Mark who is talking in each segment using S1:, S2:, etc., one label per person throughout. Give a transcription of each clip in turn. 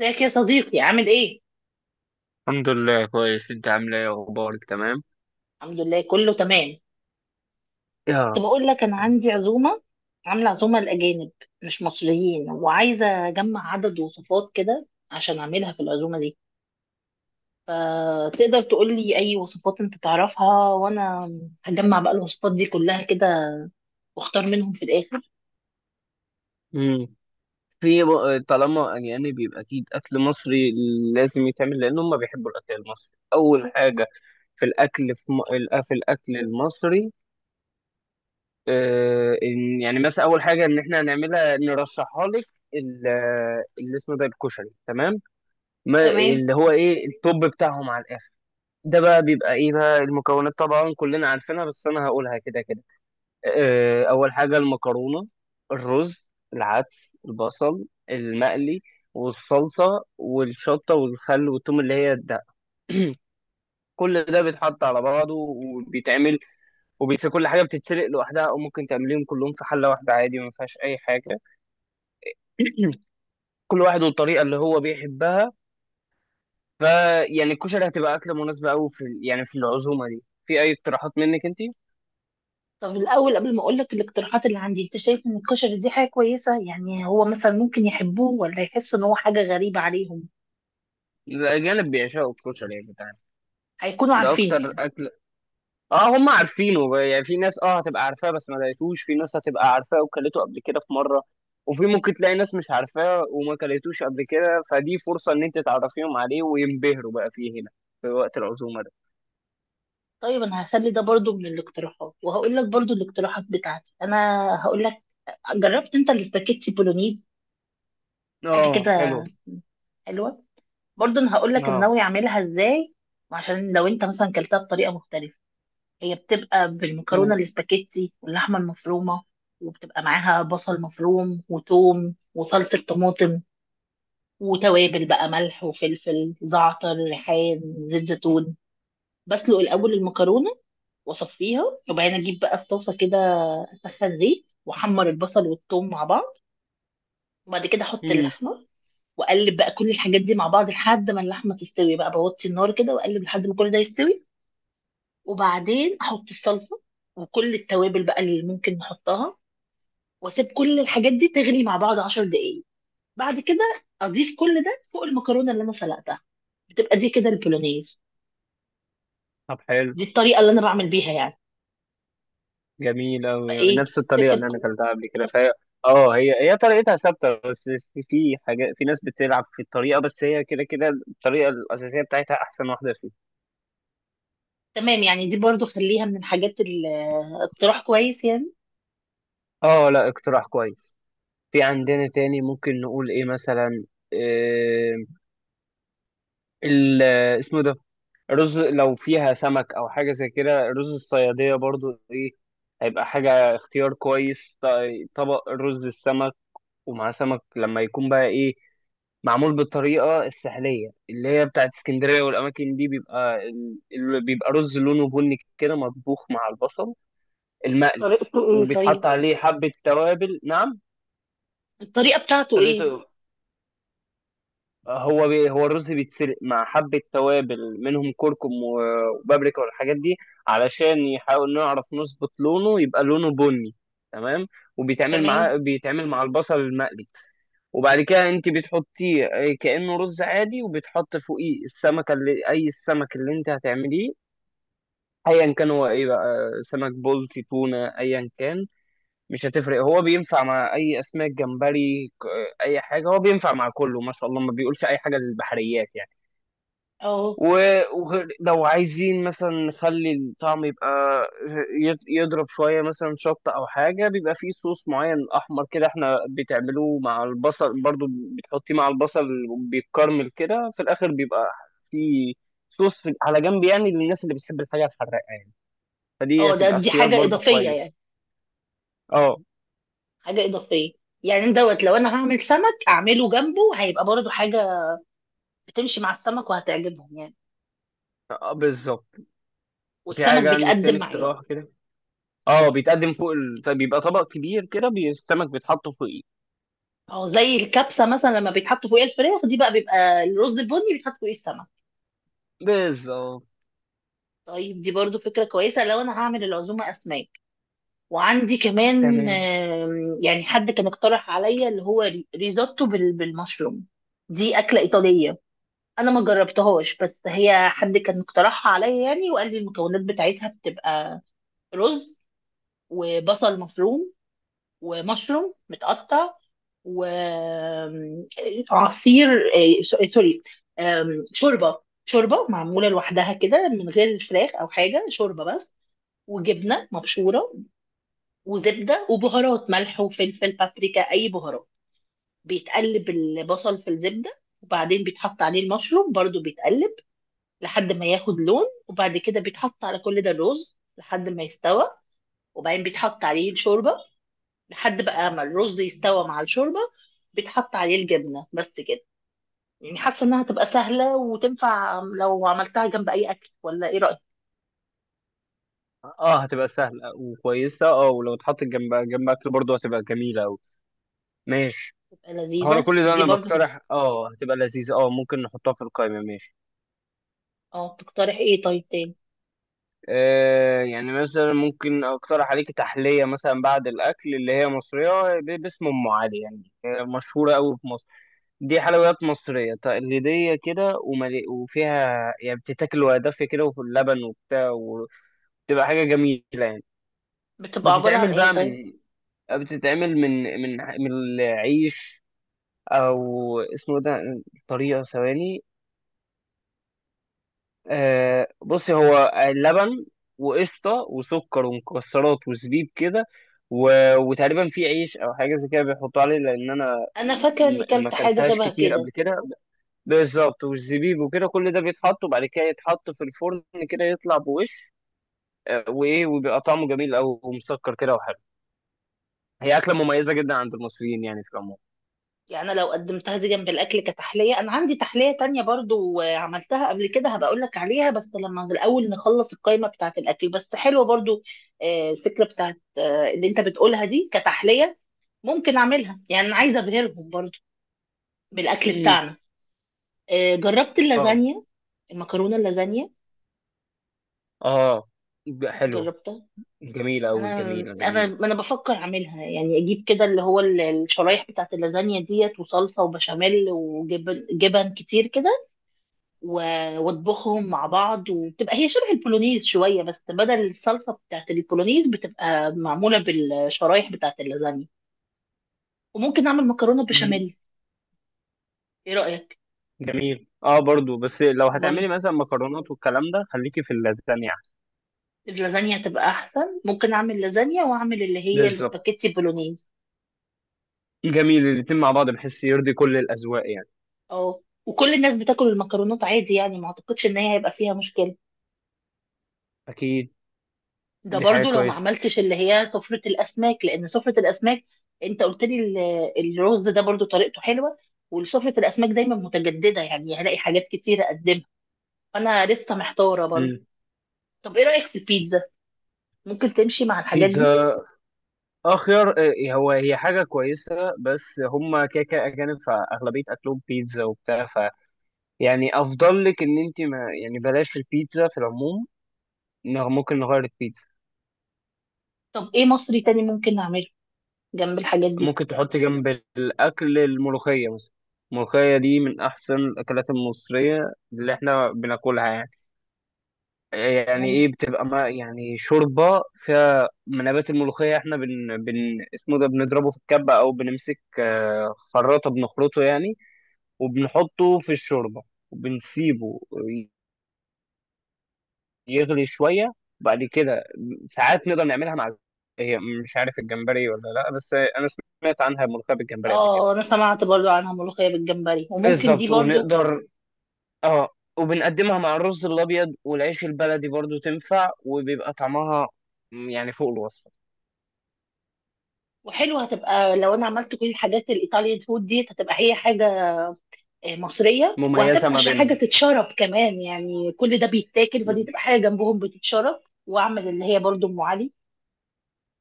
S1: ازيك يا صديقي، عامل ايه؟
S2: الحمد لله كويس، انت عامله ايه؟ اخبارك تمام؟
S1: الحمد لله كله تمام.
S2: يا
S1: كنت
S2: رب.
S1: بقول لك انا عندي عزومه، عامله عزومه لاجانب مش مصريين، وعايزه اجمع عدد وصفات كده عشان اعملها في العزومه دي. فتقدر تقول لي اي وصفات انت تعرفها، وانا هجمع بقى الوصفات دي كلها كده واختار منهم في الاخر.
S2: مم. في طالما يعني بيبقى اكيد اكل مصري لازم يتعمل، لان هم بيحبوا الاكل المصري اول حاجه. في الاكل في الاكل المصري، آه إن يعني مثلا اول حاجه ان احنا هنعملها نرشحها لك ال- اللي اسمه ده الكشري، تمام؟ ما
S1: تمام.
S2: اللي هو ايه التوب بتاعهم على الاخر. ده بقى بيبقى ايه بقى المكونات، طبعا كلنا عارفينها بس انا هقولها كده كده. اول حاجه المكرونه، الرز، العدس، البصل المقلي، والصلصه والشطه والخل والثوم، اللي هي ده كل ده بيتحط على بعضه وبيتعمل. وفي كل حاجه بتتسلق لوحدها، او ممكن تعمليهم كلهم في حله واحده عادي، ما فيهاش اي حاجه، كل واحد والطريقه اللي هو بيحبها. فيعني الكشري هتبقى اكله مناسبه قوي يعني في العزومه دي. في اي اقتراحات منك انت؟
S1: طب الاول قبل ما اقول لك الاقتراحات اللي عندي، انت شايف ان الكشري دي حاجه كويسه؟ يعني هو مثلا ممكن يحبوه، ولا يحس ان هو حاجه غريبه عليهم؟
S2: الاجانب بيعشقوا الكشري يعني بتاعنا،
S1: هيكونوا
S2: ده
S1: عارفينه
S2: اكتر
S1: يعني؟
S2: اكله. اه هم عارفينه بقى، يعني في ناس اه هتبقى عارفاه بس ما لقيتوش، في ناس هتبقى عارفاه وكلته قبل كده في مره، وفي ممكن تلاقي ناس مش عارفاه وما كلتوش قبل كده، فدي فرصه ان انت تعرفيهم عليه وينبهروا بقى فيه هنا في وقت العزومه ده.
S1: طيب انا هخلي ده برضو من الاقتراحات، وهقول لك برضو الاقتراحات بتاعتي انا. هقول لك، جربت انت الاسباجيتي بولونيز؟ حاجه
S2: اه حلو.
S1: كده حلوه. برضو انا هقول لك انا
S2: اه.
S1: ناوي اعملها ازاي، عشان لو انت مثلا كلتها بطريقه مختلفه. هي بتبقى بالمكرونه
S2: تمام.
S1: الاسباجيتي واللحمه المفرومه، وبتبقى معاها بصل مفروم وتوم وصلصه طماطم، وتوابل بقى ملح وفلفل زعتر ريحان، زيت زيتون. بسلق الاول المكرونه واصفيها، وبعدين اجيب بقى في طاسه كده، اسخن زيت واحمر البصل والثوم مع بعض، وبعد كده احط
S2: امم
S1: اللحمه، واقلب بقى كل الحاجات دي مع بعض لحد ما اللحمه تستوي، بقى بوطي النار كده واقلب لحد ما كل ده يستوي. وبعدين احط الصلصه وكل التوابل بقى اللي ممكن نحطها، واسيب كل الحاجات دي تغلي مع بعض 10 دقايق. بعد كده اضيف كل ده فوق المكرونه اللي انا سلقتها. بتبقى دي كده البولونيز.
S2: طب حلو.
S1: دي الطريقه اللي انا بعمل بيها يعني.
S2: جميل قوي،
S1: فايه
S2: نفس الطريقه
S1: تفتكر؟
S2: اللي انا اكلتها قبل كده فهي اه، هي هي طريقتها ثابته، بس في حاجات في ناس بتلعب في الطريقه، بس هي كده كده الطريقه الاساسيه بتاعتها احسن واحده فيهم.
S1: تمام. يعني دي برضو خليها من الحاجات اقتراح كويس يعني.
S2: اه لا اقتراح كويس. في عندنا تاني ممكن نقول ايه مثلا، إيه ال اسمه ده رز، لو فيها سمك او حاجه زي كده، رز الصياديه برضو، ايه هيبقى حاجه اختيار كويس. طبق رز السمك، ومع سمك لما يكون بقى ايه معمول بالطريقه السحليه اللي هي بتاعت اسكندريه والاماكن دي، بيبقى بيبقى رز لونه بني كده، مطبوخ مع البصل المقلي،
S1: طريقته ايه طيب؟
S2: وبيتحط عليه حبه توابل. نعم
S1: الطريقة بتاعته ايه؟
S2: طريقته، هو الرز بيتسلق مع حبة توابل منهم كركم وبابريكا والحاجات دي، علشان يحاول نعرف نظبط لونه يبقى لونه بني. تمام. وبيتعمل معاه،
S1: تمام.
S2: بيتعمل مع البصل المقلي، وبعد كده انت بتحطيه كأنه رز عادي، وبتحط فوقيه السمكة اللي اي السمك اللي انت هتعمليه، ايا كان هو ايه بقى، سمك بلطي، تونة، ايا كان مش هتفرق، هو بينفع مع اي اسماك، جمبري، اي حاجة، هو بينفع مع كله ما شاء الله، ما بيقولش اي حاجة للبحريات يعني.
S1: اه.
S2: و- ولو عايزين مثلا نخلي الطعم يبقى يضرب شوية مثلا شطة أو حاجة، بيبقى فيه صوص معين أحمر كده احنا بتعملوه مع البصل برضو، بتحطيه مع البصل، بيتكرمل كده في الآخر، بيبقى فيه صوص على جنب يعني للناس اللي بتحب الحاجة الحراقة يعني. فدي
S1: اه، ده
S2: هتبقى
S1: دي
S2: اختيار
S1: حاجة
S2: برضو
S1: إضافية
S2: كويس.
S1: يعني.
S2: اه.
S1: حاجة إضافية. يعني دوت لو انا هعمل سمك اعمله جنبه، هيبقى برضو حاجة بتمشي مع السمك وهتعجبهم يعني.
S2: بالظبط. في
S1: والسمك
S2: حاجة عندك
S1: بيتقدم
S2: تاني
S1: معاه.
S2: اقتراح كده؟ اه بيتقدم فوق طيب بيبقى طبق كبير كده، السمك بيتحط فوقيه.
S1: اه، زي الكبسة مثلا لما بيتحط فوقيها الفراخ، دي بقى بيبقى الرز البني بيتحط فوقيه السمك.
S2: بالظبط.
S1: طيب دي برضو فكرة كويسة لو انا هعمل العزومة اسماك. وعندي كمان،
S2: تمام.
S1: يعني حد كان اقترح عليا اللي هو ريزوتو بالمشروم. دي أكلة إيطالية. أنا ما جربتهاش، بس هي حد كان اقترحها عليا يعني، وقال لي المكونات بتاعتها بتبقى رز وبصل مفروم ومشروم متقطع وعصير، سوري، شوربة معمولة لوحدها كده من غير فراخ أو حاجة، شوربة بس، وجبنة مبشورة وزبده وبهارات، ملح وفلفل بابريكا اي بهارات. بيتقلب البصل في الزبده، وبعدين بيتحط عليه المشروم برضو بيتقلب لحد ما ياخد لون، وبعد كده بيتحط على كل ده الرز لحد ما يستوى، وبعدين بيتحط عليه الشوربه لحد بقى ما الرز يستوى مع الشوربه، بيتحط عليه الجبنه بس كده. يعني حاسه انها تبقى سهله وتنفع لو عملتها جنب اي اكل، ولا ايه رايك؟
S2: اه هتبقى سهلة وكويسة، اه ولو اتحطت جنب جنب اكل برضه هتبقى جميلة اوي. ماشي.
S1: تبقى
S2: هو انا
S1: لذيذه
S2: كل ده
S1: دي
S2: انا
S1: برضو.
S2: بقترح، اه هتبقى لذيذة، اه ممكن نحطها في القائمة. ماشي.
S1: اه، تقترح ايه طيب تاني؟
S2: آه يعني مثلا ممكن اقترح عليك تحلية مثلا بعد الاكل اللي هي مصرية باسم ام علي، يعني هي مشهورة اوي في مصر. دي حلويات مصرية تقليدية كده، وفيها يعني بتتاكل وهي دافية كده، وفي اللبن وبتاع، وتبقى حاجة جميلة يعني.
S1: بتبقى عباره عن
S2: بتتعمل
S1: ايه
S2: بقى
S1: طيب؟
S2: من بتتعمل من العيش او اسمه ده، طريقه ثواني. آه بصي، هو لبن وقشطه وسكر ومكسرات وزبيب كده، وتقريبا في عيش او حاجه زي كده بيحطوا عليه، لان انا
S1: انا فاكره اني
S2: ما
S1: كلت حاجه
S2: اكلتهاش
S1: شبه
S2: كتير
S1: كده.
S2: قبل كده. بالظبط، والزبيب وكده كل ده بيتحط، وبعد كده يتحط في الفرن كده يطلع بوش، آه، وايه وبيبقى طعمه جميل او مسكر كده وحلو. هي اكله مميزه جدا عند المصريين يعني في العموم.
S1: يعني أنا لو قدمتها دي جنب الاكل كتحليه، انا عندي تحليه تانية برضو، عملتها قبل كده، هبقى اقول لك عليها بس لما الاول نخلص القائمه بتاعه الاكل. بس حلوه برضو، الفكره بتاعه اللي انت بتقولها دي كتحليه. ممكن اعملها، يعني انا عايزه ابهرهم برضو بالاكل
S2: مم.
S1: بتاعنا. جربت
S2: اه.
S1: اللازانيا؟ المكرونه اللازانيا.
S2: اه حلوه.
S1: جربتها.
S2: جميله قوي،
S1: انا
S2: جميله
S1: انا
S2: جميله.
S1: انا بفكر اعملها، يعني اجيب كده اللي هو الشرايح بتاعت اللازانيا ديت وصلصه وبشاميل وجبن جبن كتير كده، و- واطبخهم مع بعض، وبتبقى هي شبه البولونيز شويه، بس بدل الصلصه بتاعت البولونيز بتبقى معموله بالشرايح بتاعت اللازانيا. وممكن اعمل مكرونه
S2: مم.
S1: بشاميل. ايه رايك؟
S2: جميل اه برضو، بس لو
S1: برضه
S2: هتعملي مثلا مكرونات والكلام ده خليكي في اللازانيا احسن.
S1: اللازانيا تبقى احسن. ممكن اعمل لازانيا واعمل اللي هي
S2: بالظبط،
S1: السباكيتي بولونيز.
S2: جميل الاتنين مع بعض بحيث يرضي كل الاذواق يعني.
S1: اه، وكل الناس بتاكل المكرونات عادي يعني، ما اعتقدش ان هي هيبقى فيها مشكله.
S2: اكيد.
S1: ده
S2: دي حاجه
S1: برضو لو ما
S2: كويسه.
S1: عملتش اللي هي سفرة الأسماك، لأن سفرة الأسماك، أنت قلت لي الرز ده برضو طريقته حلوة. وسفرة الأسماك دايما متجددة، يعني هلاقي حاجات كتير أقدمها. فأنا لسه محتارة برضو.
S2: مم.
S1: طب إيه رأيك في البيتزا؟ ممكن تمشي مع الحاجات دي؟
S2: بيتزا؟ اخير هو هي حاجه كويسه، بس هم كيكه اجانب فاغلبيه اكلهم بيتزا وبتاع، ف يعني افضل لك ان انت ما يعني بلاش البيتزا في العموم، إنه ممكن نغير البيتزا.
S1: طب إيه مصري تاني ممكن نعمله جنب الحاجات دي؟
S2: ممكن تحط جنب الأكل الملوخية مثلا. الملوخية دي من أحسن الأكلات المصرية اللي إحنا بناكلها يعني. يعني إيه؟
S1: ممكن.
S2: بتبقى ما يعني شوربة فيها من نبات الملوخية، إحنا بن, بن اسمه ده بنضربه في الكبة، أو بنمسك خراطة بنخرطه يعني، وبنحطه في الشوربة، وبنسيبه يغلي شوية. بعد كده ساعات نقدر نعملها مع، هي مش عارف الجمبري ولا لا، بس أنا سمعت عنها ملوخية بالجمبري قبل كده.
S1: آه، أنا سمعت برضو عنها ملوخية بالجمبري، وممكن دي
S2: بالظبط.
S1: برضو.
S2: ونقدر اه وبنقدمها مع الرز الابيض والعيش البلدي برضو تنفع، وبيبقى طعمها يعني فوق الوصف.
S1: وحلوة هتبقى لو أنا عملت كل الحاجات الإيطاليان فود دي، هتبقى هي حاجة مصريه،
S2: مميزة
S1: وهتبقى
S2: ما
S1: حاجه
S2: بينهم.
S1: تتشرب كمان يعني، كل ده بيتاكل فدي
S2: م.
S1: تبقى حاجه جنبهم بتتشرب. واعمل اللي هي برضو ام علي.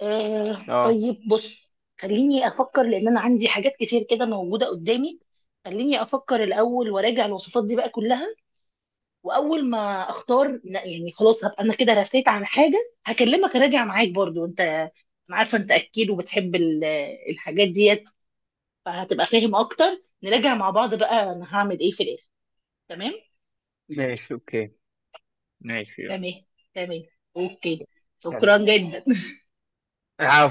S1: آه
S2: اه.
S1: طيب، بص، خليني افكر لان انا عندي حاجات كتير كده موجوده قدامي. خليني افكر الاول وراجع الوصفات دي بقى كلها، واول ما اختار لا يعني خلاص هبقى انا كده رسيت على حاجه هكلمك، اراجع معاك برضو، انت انا عارفه انت اكيد وبتحب الحاجات ديت، فهتبقى فاهم اكتر نراجع مع بعض بقى انا هعمل ايه في الاخر. تمام.
S2: ماشي اوكي. ماشي يلا.
S1: تمام، تمام، اوكي.
S2: سلام.
S1: شكرا جدا.
S2: آه.